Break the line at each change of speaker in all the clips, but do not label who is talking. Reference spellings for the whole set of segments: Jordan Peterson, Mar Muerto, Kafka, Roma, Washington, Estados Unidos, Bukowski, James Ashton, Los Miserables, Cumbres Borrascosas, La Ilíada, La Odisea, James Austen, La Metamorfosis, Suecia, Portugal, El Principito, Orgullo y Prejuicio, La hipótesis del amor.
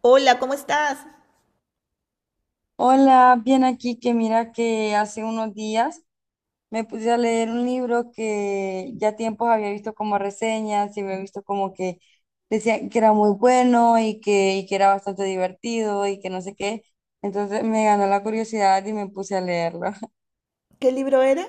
Hola, ¿cómo estás?
Hola, bien aquí que mira que hace unos días me puse a leer un libro que ya tiempos había visto como reseñas y había visto como que decían que era muy bueno y que era bastante divertido y que no sé qué. Entonces me ganó la curiosidad y me puse a leerlo.
¿Qué libro era?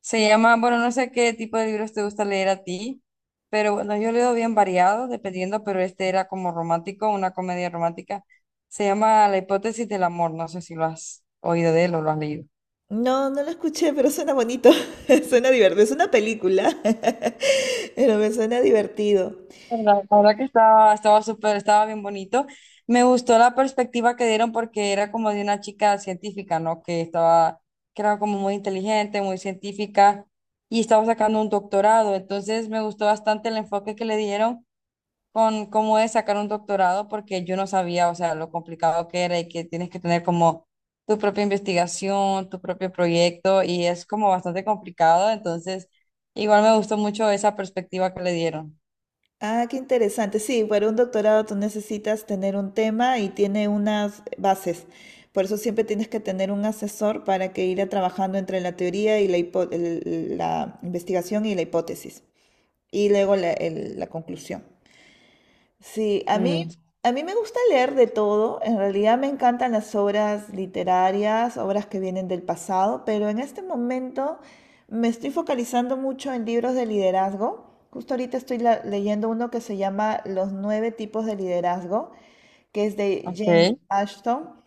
Se llama, bueno, no sé qué tipo de libros te gusta leer a ti, pero bueno, yo leo bien variado, dependiendo, pero este era como romántico, una comedia romántica. Se llama La hipótesis del amor, no sé si lo has oído de él o lo has leído.
No, no lo escuché, pero suena bonito. Suena divertido. Es una película, pero me suena divertido.
La verdad que estaba súper, estaba bien bonito. Me gustó la perspectiva que dieron porque era como de una chica científica, ¿no? Que estaba, que era como muy inteligente, muy científica y estaba sacando un doctorado. Entonces me gustó bastante el enfoque que le dieron con cómo es sacar un doctorado porque yo no sabía, o sea, lo complicado que era y que tienes que tener como tu propia investigación, tu propio proyecto y es como bastante complicado. Entonces, igual me gustó mucho esa perspectiva que le dieron.
Ah, qué interesante. Sí, para un doctorado tú necesitas tener un tema y tiene unas bases. Por eso siempre tienes que tener un asesor para que ir trabajando entre la teoría y la investigación y la hipótesis. Y luego la conclusión. Sí, a mí,
Mm.
a mí me gusta leer de todo. En realidad me encantan las obras literarias, obras que vienen del pasado, pero en este momento me estoy focalizando mucho en libros de liderazgo. Justo ahorita estoy leyendo uno que se llama Los nueve tipos de liderazgo, que es de James
Okay.
Ashton.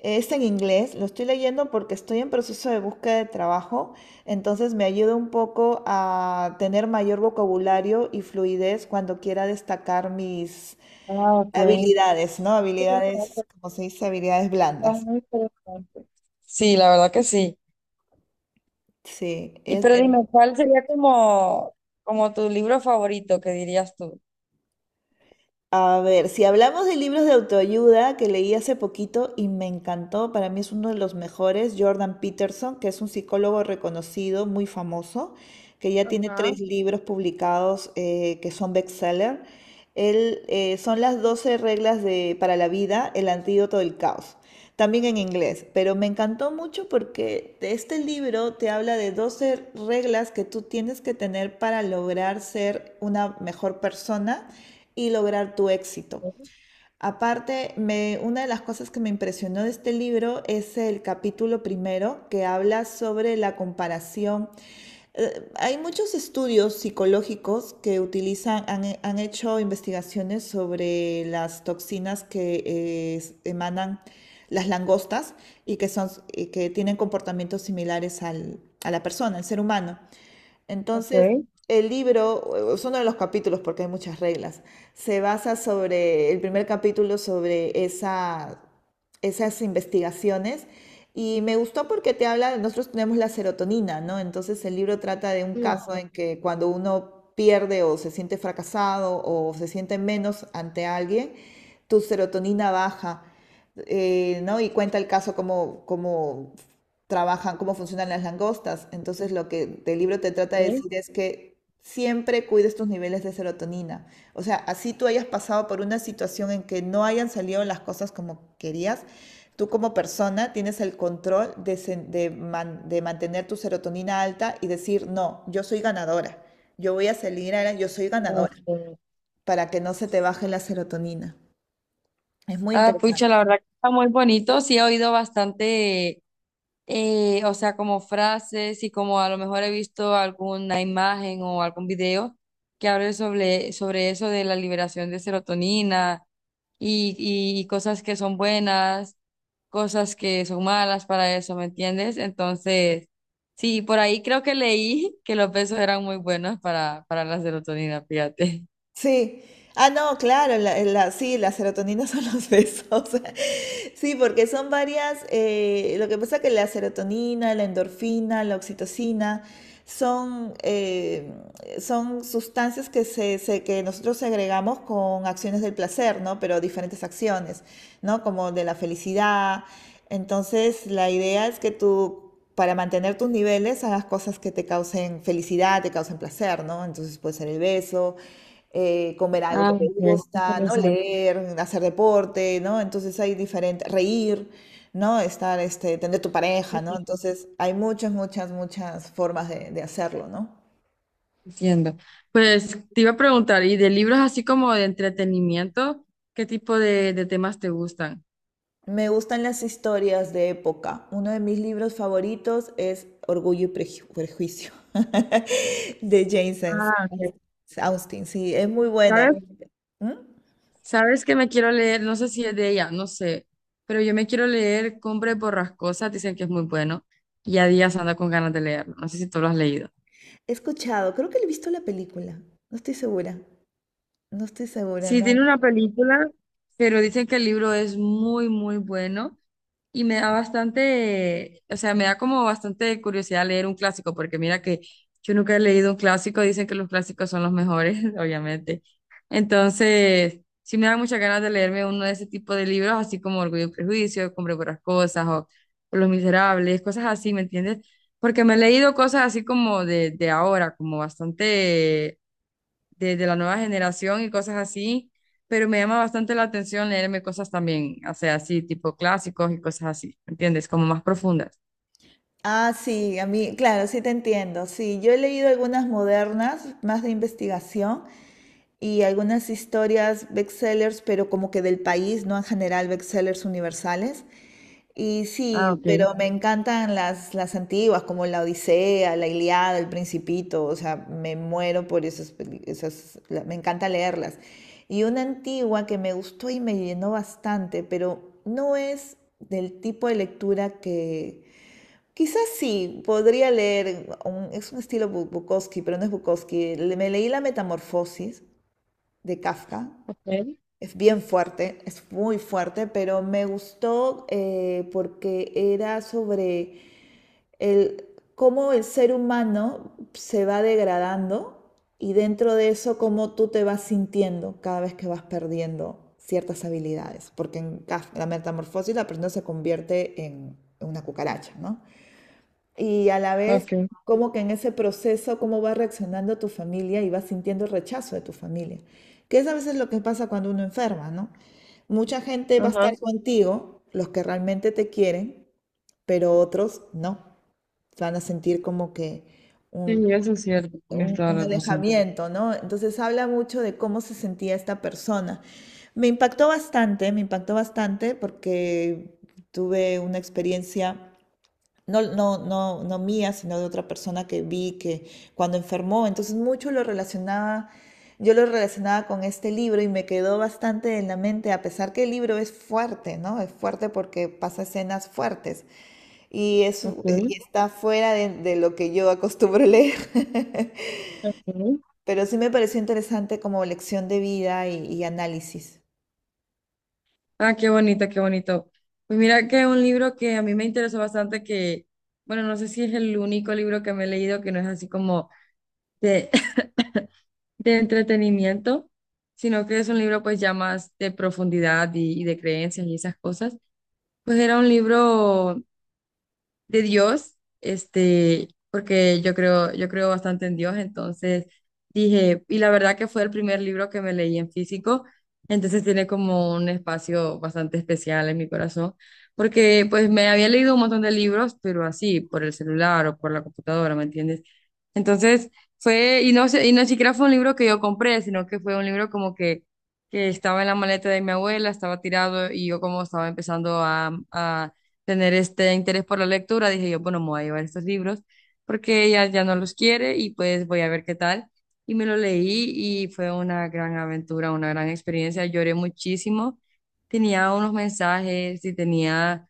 Es en inglés, lo estoy leyendo porque estoy en proceso de búsqueda de trabajo, entonces me ayuda un poco a tener mayor vocabulario y fluidez cuando quiera destacar mis
Ah, ok.
habilidades, ¿no?
Sí,
Habilidades,
bastante.
como se dice, habilidades
Son
blandas.
muy interesantes. Sí, la verdad que sí.
Sí.
Y
es-
pero
em,
dime, ¿cuál sería como, como tu libro favorito que dirías tú?
a ver, si hablamos de libros de autoayuda que leí hace poquito y me encantó, para mí es uno de los mejores, Jordan Peterson, que es un psicólogo reconocido, muy famoso, que ya tiene tres
Ajá.
libros publicados, que son bestseller. Él, son las 12 reglas de, para la vida, el antídoto del caos. También en inglés, pero me encantó mucho porque este libro te habla de 12 reglas que tú tienes que tener para lograr ser una mejor persona y lograr tu éxito. Aparte, una de las cosas que me impresionó de este libro es el capítulo primero que habla sobre la comparación. Hay muchos estudios psicológicos que utilizan, han hecho investigaciones sobre las toxinas que emanan las langostas y que son, y que tienen comportamientos similares a la persona, al ser humano.
Ok.
Entonces, el libro, son uno de los capítulos porque hay muchas reglas, se basa sobre, el primer capítulo sobre esa, esas investigaciones. Y me gustó porque te habla, nosotros tenemos la serotonina, ¿no? Entonces el libro trata de un caso
Sí,
en que cuando uno pierde o se siente fracasado o se siente menos ante alguien, tu serotonina baja, ¿no? Y cuenta el caso como, trabajan, cómo funcionan las langostas. Entonces, lo que el libro te trata de
ok.
decir es que siempre cuides tus niveles de serotonina. O sea, así tú hayas pasado por una situación en que no hayan salido las cosas como querías, tú como persona tienes el control de mantener tu serotonina alta y decir, no, yo soy ganadora, yo voy a salir adelante, yo soy ganadora,
Este,
para que no se te baje la serotonina. Es muy
ah,
interesante.
pucha, la verdad que está muy bonito. Sí, he oído bastante, o sea, como frases y como a lo mejor he visto alguna imagen o algún video que hable sobre, sobre eso de la liberación de serotonina y cosas que son buenas, cosas que son malas para eso, ¿me entiendes? Entonces, sí, por ahí creo que leí que los besos eran muy buenos para la serotonina, fíjate.
Sí. Ah, no, claro, sí, la serotonina son los besos. Sí, porque son varias, lo que pasa es que la serotonina, la endorfina, la oxitocina, son, son sustancias que, que nosotros agregamos con acciones del placer, ¿no? Pero diferentes acciones, ¿no? Como de la felicidad, entonces, la idea es que tú, para mantener tus niveles, hagas cosas que te causen felicidad, te causen placer, ¿no? Entonces puede ser el beso, comer algo
Ah,
que te
ok,
gusta, ¿no?
interesante.
Leer, hacer deporte, ¿no? Entonces hay diferentes, reír, ¿no? Estar, este, tener tu pareja, ¿no? Entonces hay muchas, muchas, muchas formas de hacerlo, ¿no?
Entiendo. Pues te iba a preguntar, ¿y de libros así como de entretenimiento, qué tipo de temas te gustan?
Me gustan las historias de época. Uno de mis libros favoritos es Prejuicio de
Ah, ok.
Austen. Sí, es muy buena.
¿Sabes?
¿Mm?
¿Sabes que me quiero leer? No sé si es de ella, no sé, pero yo me quiero leer cumbre Borrascosas, dicen que es muy bueno, y a días anda con ganas de leerlo, no sé si tú lo has leído.
He escuchado, creo que le he visto la película. No estoy segura. No estoy segura,
Sí, tiene
no.
una película. Pero dicen que el libro es muy, muy bueno. Y me da bastante, o sea, me da como bastante curiosidad leer un clásico, porque mira que yo nunca he leído un clásico, dicen que los clásicos son los mejores, obviamente. Entonces, sí me da muchas ganas de leerme uno de ese tipo de libros, así como Orgullo y Prejuicio, Hombre por las Cosas, o Los Miserables, cosas así, ¿me entiendes? Porque me he leído cosas así como de ahora, como bastante de la nueva generación y cosas así, pero me llama bastante la atención leerme cosas también, o sea, así, tipo clásicos y cosas así, ¿entiendes? Como más profundas.
Ah, sí, a mí, claro, sí te entiendo. Sí, yo he leído algunas modernas, más de investigación, y algunas historias bestsellers, pero como que del país, no en general bestsellers universales. Y
Ah,
sí,
ok.
pero me encantan las antiguas, como La Odisea, La Ilíada, El Principito, o sea, me muero por esas, esas, me encanta leerlas. Y una antigua que me gustó y me llenó bastante, pero no es del tipo de lectura que... Quizás sí, podría leer, es un estilo Bukowski, pero no es Bukowski. Me leí La Metamorfosis, de Kafka.
Ok.
Es bien fuerte, es muy fuerte, pero me gustó, porque era sobre el, cómo el ser humano se va degradando y dentro de eso cómo tú te vas sintiendo cada vez que vas perdiendo ciertas habilidades. Porque en Kafka, la metamorfosis la persona se convierte en una cucaracha, ¿no? Y a la vez
Ok.
como que en ese proceso cómo va reaccionando tu familia y vas sintiendo el rechazo de tu familia, que es a veces lo que pasa cuando uno enferma, ¿no? Mucha gente va a
Ajá.
estar contigo, los que realmente te quieren, pero otros no, van a sentir como que un,
Sí, eso es cierto. Tienes toda
un
la razón.
alejamiento, ¿no? Entonces habla mucho de cómo se sentía esta persona. Me impactó bastante porque tuve una experiencia, no, no, no, no mía, sino de otra persona que vi que cuando enfermó, entonces mucho lo relacionaba, yo lo relacionaba con este libro y me quedó bastante en la mente, a pesar que el libro es fuerte, ¿no? Es fuerte porque pasa escenas fuertes y, es,
Ok.
y está fuera de lo que yo acostumbro leer,
Ok.
pero sí me pareció interesante como lección de vida y análisis.
Ah, qué bonito, qué bonito. Pues mira que un libro que a mí me interesó bastante, que, bueno, no sé si es el único libro que me he leído que no es así como de, de entretenimiento, sino que es un libro pues ya más de profundidad y de creencias y esas cosas. Pues era un libro de Dios, este, porque yo creo bastante en Dios, entonces dije, y la verdad que fue el primer libro que me leí en físico, entonces tiene como un espacio bastante especial en mi corazón, porque pues me había leído un montón de libros, pero así, por el celular o por la computadora, ¿me entiendes? Entonces fue, y no sé, y no siquiera fue un libro que yo compré, sino que fue un libro como que estaba en la maleta de mi abuela, estaba tirado y yo como estaba empezando a tener este interés por la lectura, dije yo, bueno, me voy a llevar estos libros porque ella ya no los quiere y pues voy a ver qué tal. Y me lo leí y fue una gran aventura, una gran experiencia, lloré muchísimo, tenía unos mensajes y tenía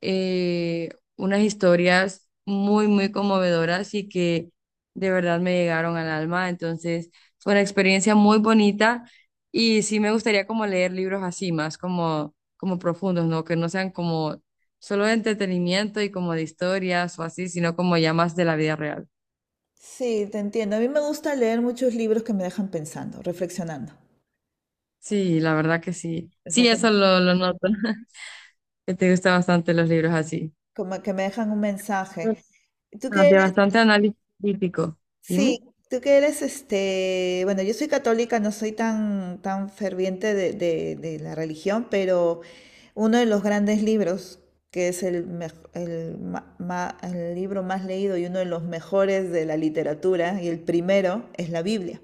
eh, unas historias muy, muy conmovedoras y que de verdad me llegaron al alma. Entonces, fue una experiencia muy bonita y sí me gustaría como leer libros así, más como, como profundos, ¿no? Que no sean como solo de entretenimiento y como de historias o así, sino como ya más de la vida real.
Sí, te entiendo. A mí me gusta leer muchos libros que me dejan pensando, reflexionando.
Sí, la verdad que sí.
O sea,
Sí,
que
eso lo noto, que te gustan bastante los libros así.
como que me dejan un mensaje. Tú
Ah,
que
de
eres,
bastante análisis crítico.
sí,
Dime.
Tú que eres, este, bueno, yo soy católica, no soy tan, tan ferviente de, de la religión, pero uno de los grandes libros, que es el, mej- el, ma- ma- el libro más leído y uno de los mejores de la literatura, y el primero, es la Biblia.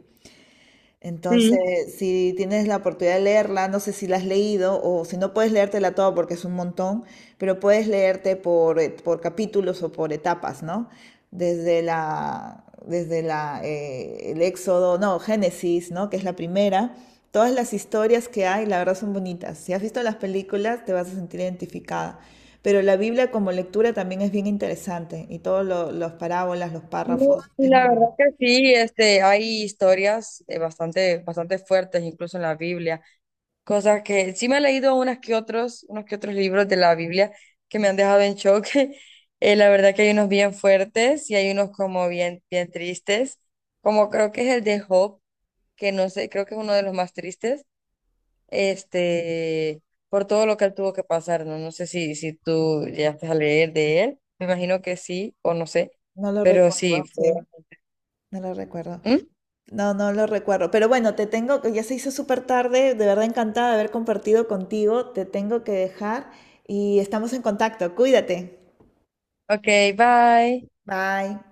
Entonces,
Sí,
si tienes la oportunidad de leerla, no sé si la has leído o si no puedes leértela toda porque es un montón, pero puedes leerte por capítulos o por etapas, ¿no? Desde la, el Éxodo, no, Génesis, ¿no? Que es la primera. Todas las historias que hay, la verdad, son bonitas. Si has visto las películas, te vas a sentir identificada. Pero la Biblia como lectura también es bien interesante y todos los parábolas, los
sí,
párrafos,
sí,
es muy
la
bueno.
verdad que sí, este, hay historias bastante, bastante fuertes, incluso en la Biblia. Cosas que sí me he leído unas que otros, unos que otros libros de la Biblia que me han dejado en shock. La verdad que hay unos bien fuertes y hay unos como bien, bien tristes, como creo que es el de Job, que no sé, creo que es uno de los más tristes, este, por todo lo que él tuvo que pasar, ¿no? No sé si, si tú llegaste a leer de él, me imagino que sí, o no sé,
No lo
pero sí,
recuerdo,
fue.
sí, no lo recuerdo.
¿Mm?
No, no lo recuerdo. Pero bueno, te tengo, ya se hizo súper tarde, de verdad encantada de haber compartido contigo. Te tengo que dejar y estamos en contacto. Cuídate.
Ok, bye.
Bye.